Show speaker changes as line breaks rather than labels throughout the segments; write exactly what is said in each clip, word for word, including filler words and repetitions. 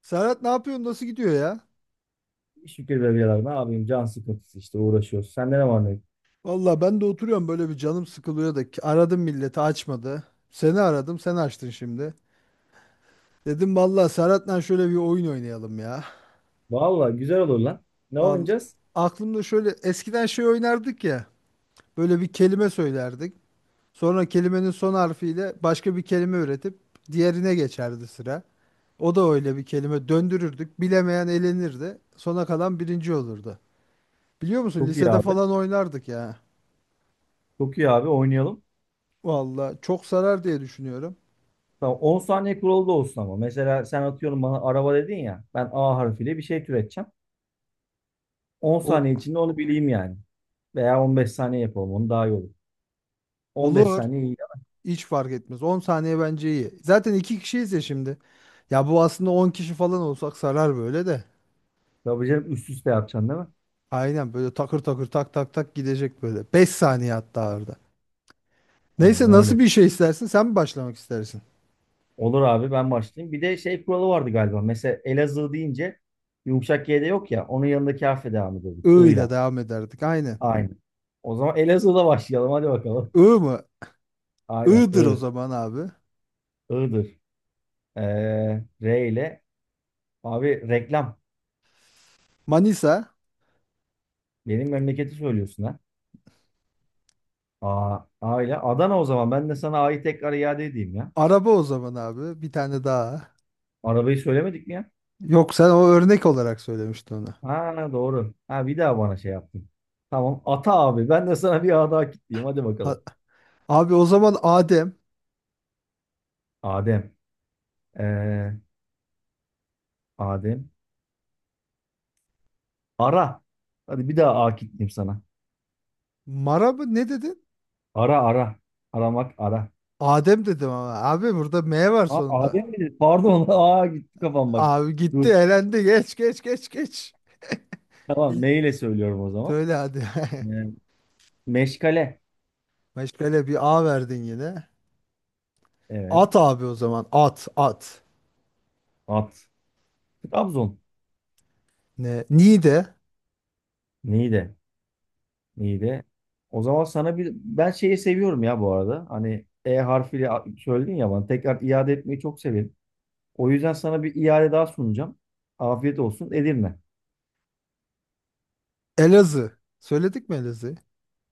Serhat ne yapıyorsun? Nasıl gidiyor ya?
Şükür be birader. Ne yapayım? Can sıkıntısı işte uğraşıyoruz. Sende ne var ne yok?
Valla ben de oturuyorum böyle bir canım sıkılıyor da ki- aradım milleti açmadı. Seni aradım sen açtın şimdi. Dedim valla Serhat'la şöyle bir oyun oynayalım ya.
Valla güzel olur lan. Ne
Vallahi
oynayacağız?
aklımda şöyle eskiden şey oynardık ya. Böyle bir kelime söylerdik. Sonra kelimenin son harfiyle başka bir kelime üretip diğerine geçerdi sıra. O da öyle bir kelime döndürürdük. Bilemeyen elenirdi. Sona kalan birinci olurdu. Biliyor musun
Çok iyi
lisede
abi.
falan oynardık ya.
Çok iyi abi oynayalım.
Valla çok sarar diye düşünüyorum.
Tamam on saniye kuralı da olsun ama. Mesela sen atıyorum bana araba dedin ya. Ben A harfiyle bir şey türeteceğim. on
O,
saniye içinde onu bileyim yani. Veya on beş saniye yapalım onu daha iyi olur. on beş
olur.
saniye iyi yap.
Hiç fark etmez. On saniye bence iyi. Zaten iki kişiyiz ya şimdi. Ya bu aslında on kişi falan olsak sarar böyle de.
Tabii canım üst üste yapacaksın, değil mi?
Aynen böyle takır takır tak tak tak gidecek böyle. Beş saniye hatta arada.
Aynen
Neyse nasıl
öyle.
bir şey istersin? Sen mi başlamak istersin?
Olur abi, ben başlayayım. Bir de şey kuralı vardı galiba. Mesela Elazığ deyince yumuşak G'de yok ya. Onun yanındaki harfe devam ediyorduk.
I ile
I'yla.
devam ederdik. Aynen.
Aynen. O zaman Elazığ'da başlayalım. Hadi bakalım.
I mı?
Aynen.
I'dır o
I.
zaman abi.
I'dır. Ee, R ile. Abi, reklam.
Manisa.
Benim memleketi söylüyorsun ha. A, A ile. Adana o zaman. Ben de sana A'yı tekrar iade edeyim ya.
Araba o zaman abi. Bir tane daha.
Arabayı söylemedik mi ya?
Yok sen o örnek olarak söylemiştin onu.
Ha, doğru. Ha, bir daha bana şey yaptın. Tamam. Ata abi. Ben de sana bir A daha kitleyeyim. Hadi
A-
bakalım.
Abi o zaman Adem.
Adem. Ee, Adem. Ara. Hadi bir daha A kitleyeyim sana.
Mara mı? Ne dedin?
Ara ara. Aramak ara.
Adem dedim ama abi burada M var
Ha,
sonunda.
Adem mi dedi? Pardon. Aa, gitti kafam bak.
Abi gitti
Dur.
elendi geç geç geç geç.
Tamam.
İl-
Ne ile söylüyorum o zaman?
Söyle hadi.
Ee, meşgale.
Meşgale bir A verdin yine.
Evet.
At abi o zaman at at.
At. Trabzon.
Ne? Niğde
Niğde. Niğde. O zaman sana bir. Ben şeyi seviyorum ya bu arada. Hani E harfiyle a- söyledin ya bana. Tekrar iade etmeyi çok severim. O yüzden sana bir iade daha sunacağım. Afiyet olsun. Edirne.
Elazığ. Söyledik mi Elazığ?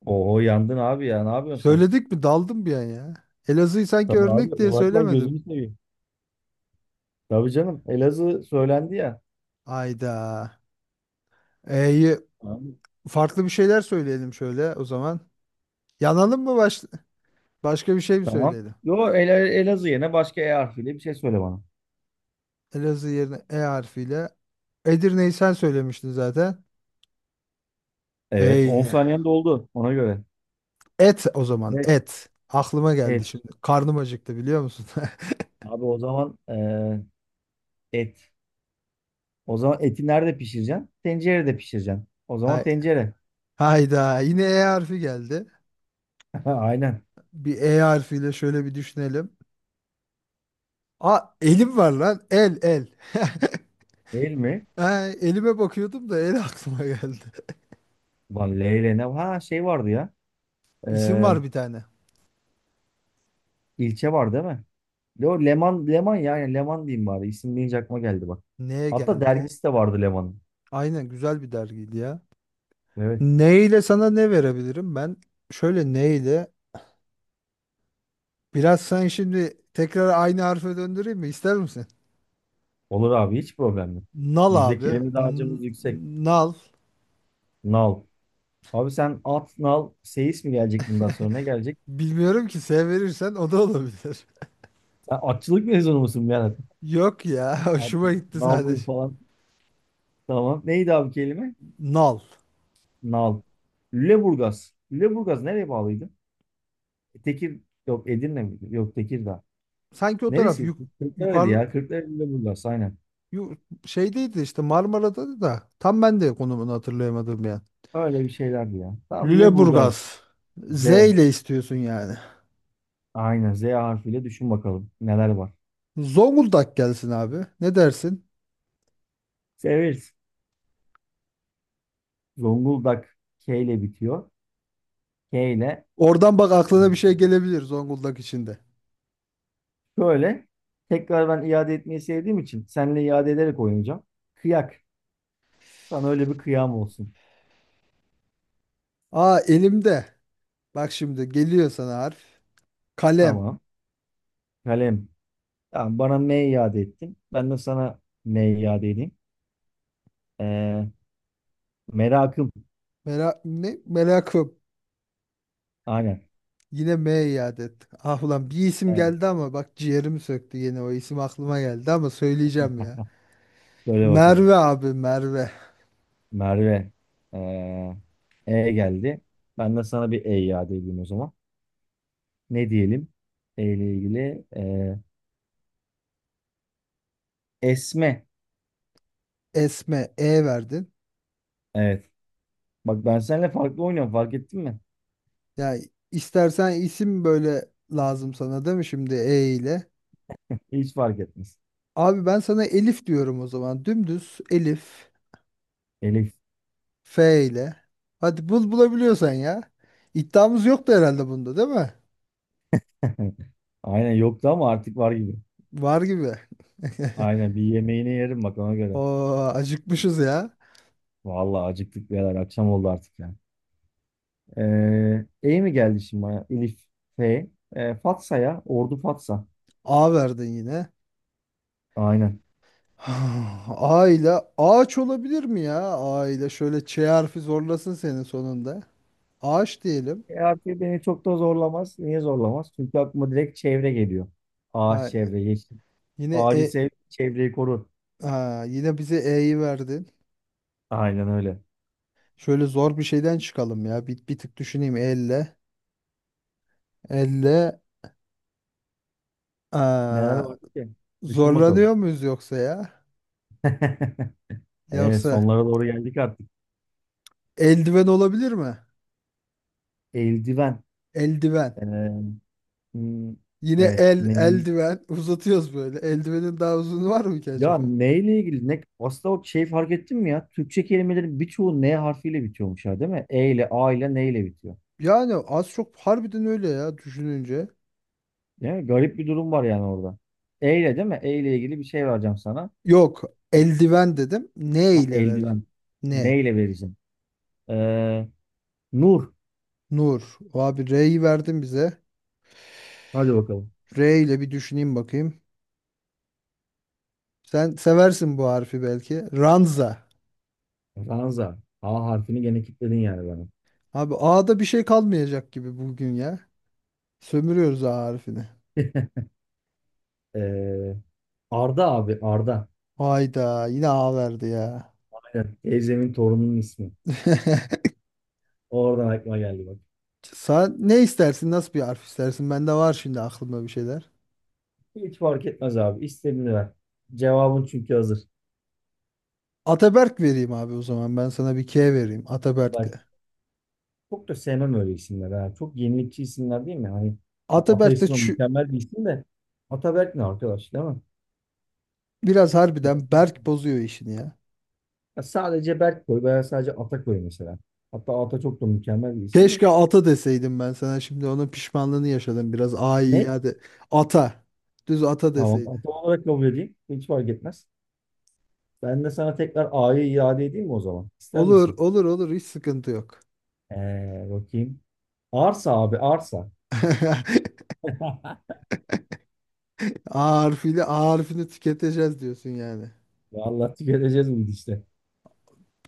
Oho, yandın abi ya. Ne yapıyorsun sen?
Söyledik mi daldım bir an ya. Elazığ'ı sanki
Tabii abi.
örnek diye
Olaklan
söylemedim.
gözünü seveyim. Tabii canım. Elazığ söylendi ya.
Ayda. E'yi
Abi,
farklı bir şeyler söyleyelim şöyle o zaman. Yanalım mı baş... başka bir şey mi
tamam.
söyleyelim?
Yo, El Elazığ yerine başka E harfiyle bir şey söyle bana.
Elazığ yerine E harfiyle. Edirne'yi sen söylemiştin zaten.
Evet. on
Eyle
saniyen doldu, ona göre.
et o zaman
beş.
et. Aklıma geldi
Et.
şimdi. Karnım acıktı biliyor musun?
Abi, o zaman e, et. O zaman eti nerede pişireceksin? Tencerede pişireceksin. O zaman
Hay-
tencere.
Hayda yine E harfi geldi.
Aynen.
Bir E harfiyle şöyle bir düşünelim. Aa elim var lan. El el.
Değil mi?
Ha, elime bakıyordum da el aklıma geldi.
Lan, Leyle ne? Ha, şey vardı ya. E,
İsim var bir tane.
ilçe var değil mi? Yo, Leman, Leman ya. Yani Leman diyeyim bari. İsim deyince aklıma geldi bak.
Neye
Hatta
geldi?
dergisi de vardı Leman'ın.
Aynen güzel bir dergiydi ya.
Evet.
Neyle sana ne verebilirim ben? Şöyle neyle? Biraz sen şimdi tekrar aynı harfe döndüreyim mi? İster misin?
Olur abi, hiç problem yok.
Nal
Bizde
abi.
kelime
N-
dağarcığımız yüksek.
nal.
Nal. Abi, sen at, nal, seyis mi gelecek bundan sonra? Ne gelecek?
Bilmiyorum ki S verirsen o da olabilir.
Sen atçılık mezunu musun Berat?
Yok ya
At,
hoşuma gitti
nal, bul
sadece.
falan. Tamam. Neydi abi kelime?
Nal.
Nal. Lüleburgaz. Lüleburgaz nereye bağlıydı? E, Tekir. Yok, Edirne miydi? Yok, Tekirdağ.
Sanki o taraf
Neresi?
yuk
Kırklareli
yukarı
ya. Kırklareli, Lüleburgaz. Aynen.
yu- şeydeydi işte Marmara'da da tam ben de konumunu hatırlayamadım ya.
Öyle bir şeylerdi ya. Tamam, Lüleburgaz.
Lüleburgaz.
Z.
Z ile istiyorsun yani.
Aynen. Z harfiyle düşün bakalım, neler var.
Zonguldak gelsin abi. Ne dersin?
Severiz. Zonguldak. K ile bitiyor. K ile
Oradan bak aklına bir şey gelebilir Zonguldak içinde.
şöyle tekrar, ben iade etmeyi sevdiğim için seninle iade ederek oynayacağım. Kıyak. Sana öyle bir kıyam olsun.
Aa elimde. Bak şimdi geliyor sana harf. Kalem.
Tamam. Kalem. Tamam, bana M iade ettin. Ben de sana M iade edeyim. Ee, merakım.
Mera ne? Merakım.
Aynen.
Yine M iade ettik. Ah ulan bir isim
Evet,
geldi ama bak ciğerimi söktü yine o isim aklıma geldi ama söyleyeceğim ya.
söyle bakalım.
Merve abi Merve.
Merve. Ee, E geldi. Ben de sana bir E iade edeyim o zaman. Ne diyelim? E ile ilgili. ee, esme.
Esme E verdin.
Evet. Bak, ben seninle farklı oynuyorum. Fark ettin mi?
Ya istersen isim böyle lazım sana değil mi şimdi E ile?
Hiç fark etmez.
Abi ben sana Elif diyorum o zaman. Dümdüz Elif
Elif.
F ile. Hadi bul bulabiliyorsan ya. İddiamız yoktu herhalde bunda değil mi?
Aynen, yoktu ama artık var gibi.
Var gibi.
Aynen, bir yemeğini yerim bak, ona göre.
Oo acıkmışız ya.
Vallahi acıktık birader, akşam oldu artık ya. Ee, E mi geldi şimdi bana? Elif. F. Ee, Fatsa ya. Ordu Fatsa.
A verdin yine.
Aynen.
Aile ağaç olabilir mi ya? Aile şöyle Ç harfi zorlasın senin sonunda. Ağaç diyelim.
E, artık beni çok da zorlamaz. Niye zorlamaz? Çünkü aklıma direkt çevre geliyor. Ağaç,
Ha,
çevre, yeşil.
yine
Ağacı
e,
sev, çevreyi koru.
ha, yine bize E'yi verdin.
Aynen öyle.
Şöyle zor bir şeyden çıkalım ya. Bir, bir tık düşüneyim elle. Elle
Neler
aa,
vardı ki? Düşün bakalım.
zorlanıyor muyuz yoksa ya?
Ee,
Yoksa
sonlara doğru geldik artık.
eldiven olabilir mi?
Eldiven.
Eldiven.
Ee, hmm,
Yine
evet.
el
Menü.
eldiven uzatıyoruz böyle. Eldivenin daha uzun var mı ki acaba?
Ya, neyle ilgili? Ne, aslında o şey, fark ettin mi ya? Türkçe kelimelerin birçoğu N harfiyle bitiyormuş ya, değil mi? E ile, A ile, N ile bitiyor.
Yani az çok harbiden öyle ya düşününce.
Değil mi? Garip bir durum var yani orada. E ile değil mi? E ile ilgili bir şey vereceğim sana.
Yok. Eldiven dedim. Ne
Ya,
ile ver?
eldiven.
Ne?
Ne ile vereceğim? Ee, Nur.
Nur. Abi R'yi verdin bize.
Hadi bakalım.
R ile bir düşüneyim bakayım. Sen seversin bu harfi belki. Ranza.
Ranza. A harfini gene kilitledin yani bana.
Abi A'da bir şey kalmayacak gibi bugün ya. Sömürüyoruz A harfini.
Ee, Arda abi. Arda.
Hayda yine A verdi ya.
Aynen. Teyzemin torununun ismi. Oradan aklıma geldi bak.
Sen ne istersin? Nasıl bir harf istersin? Bende var şimdi aklımda bir şeyler.
Hiç fark etmez abi. İstediğini ver. Cevabın çünkü hazır.
Ataberk vereyim abi o zaman. Ben sana bir K vereyim
Haber.
Ataberk'le.
Çok da sevmem öyle isimler. Ha. Çok yenilikçi isimler değil mi? Hani Ata
Ataberk de
ismi
şu-
mükemmel bir isim de Ataberk ne arkadaş, değil mi?
biraz harbiden Berk bozuyor işini ya.
Ya sadece Berk koy veya sadece Ata koy mesela. Hatta Ata çok da mükemmel bir isim de.
Keşke ata deseydim ben sana. Şimdi onun pişmanlığını yaşadım biraz. Ay
Ne?
hadi. Ata. Düz ata
Tamam,
deseydi.
Ata olarak kabul edeyim. Hiç fark etmez. Ben de sana tekrar A'yı iade edeyim mi o zaman? İster
Olur,
misin?
olur, olur. Hiç sıkıntı yok.
Ee, bakayım. Arsa abi, arsa.
A harfiyle A harfini tüketeceğiz diyorsun yani.
Vallahi tüketeceğiz bu işte.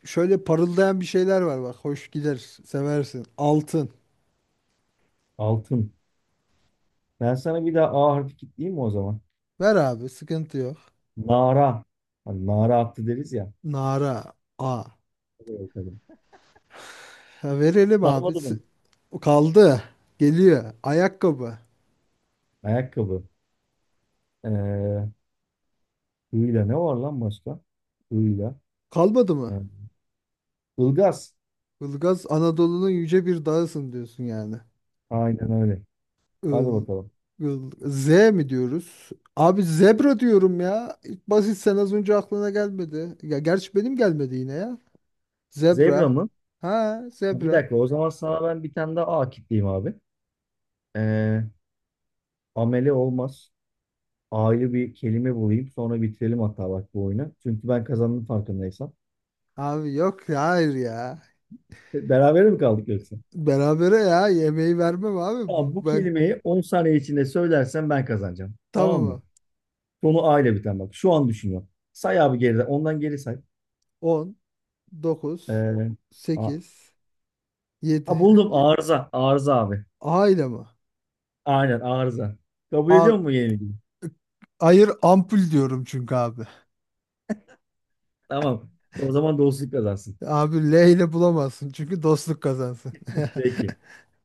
Şöyle parıldayan bir şeyler var bak. Hoş gider. Seversin. Altın.
Altın. Ben sana bir daha A harfi kilitleyeyim mi o zaman?
Ver abi. Sıkıntı yok.
Nara. Hani nara attı deriz ya.
Nara. A.
Hadi bakalım.
Ha, verelim abi.
Sarmadı mı?
Sı- Kaldı. Geliyor. Ayakkabı.
Ayakkabı. Ee, hıyla ne var lan başka? Hıyla.
Kalmadı
Ee,
mı?
ılgaz.
Ilgaz Anadolu'nun yüce bir dağısın diyorsun yani.
Aynen öyle. Hadi
Il,
bakalım.
il- Z mi diyoruz? Abi zebra diyorum ya. İlk basit sen az önce aklına gelmedi. Ya gerçi benim gelmedi yine ya.
Zebra
Zebra.
mı?
Ha
Ha, bir
zebra.
dakika. O zaman sana ben bir tane daha A kitleyeyim abi. Ee, ameli olmaz. A'yı bir kelime bulayım. Sonra bitirelim hatta bak bu oyunu. Çünkü ben kazandım farkındaysam.
Abi yok ya hayır ya.
Beraber mi kaldık yoksa?
Berabere ya yemeği vermem abi.
Tamam, bu
Bu- Ben
kelimeyi on saniye içinde söylersen ben kazanacağım.
tamam
Tamam mı?
mı?
Sonu A ile biten bak. Şu an düşünüyorum. Say abi geriden. Ondan geri say.
On, dokuz,
Ee, a,
sekiz,
a,
yedi.
buldum, arıza. Arıza abi.
A ile mi?
Aynen, arıza. Kabul
A,
ediyor mu yenilgiyi?
hayır ampul diyorum çünkü abi.
Tamam. O zaman dostluk kazansın.
Abi L ile bulamazsın çünkü dostluk kazansın.
Peki.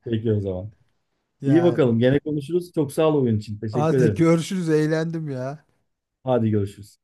Peki o zaman. İyi
Yani
bakalım. Gene konuşuruz. Çok sağ ol oyun için. Teşekkür
hadi
ederim.
görüşürüz eğlendim ya.
Hadi görüşürüz.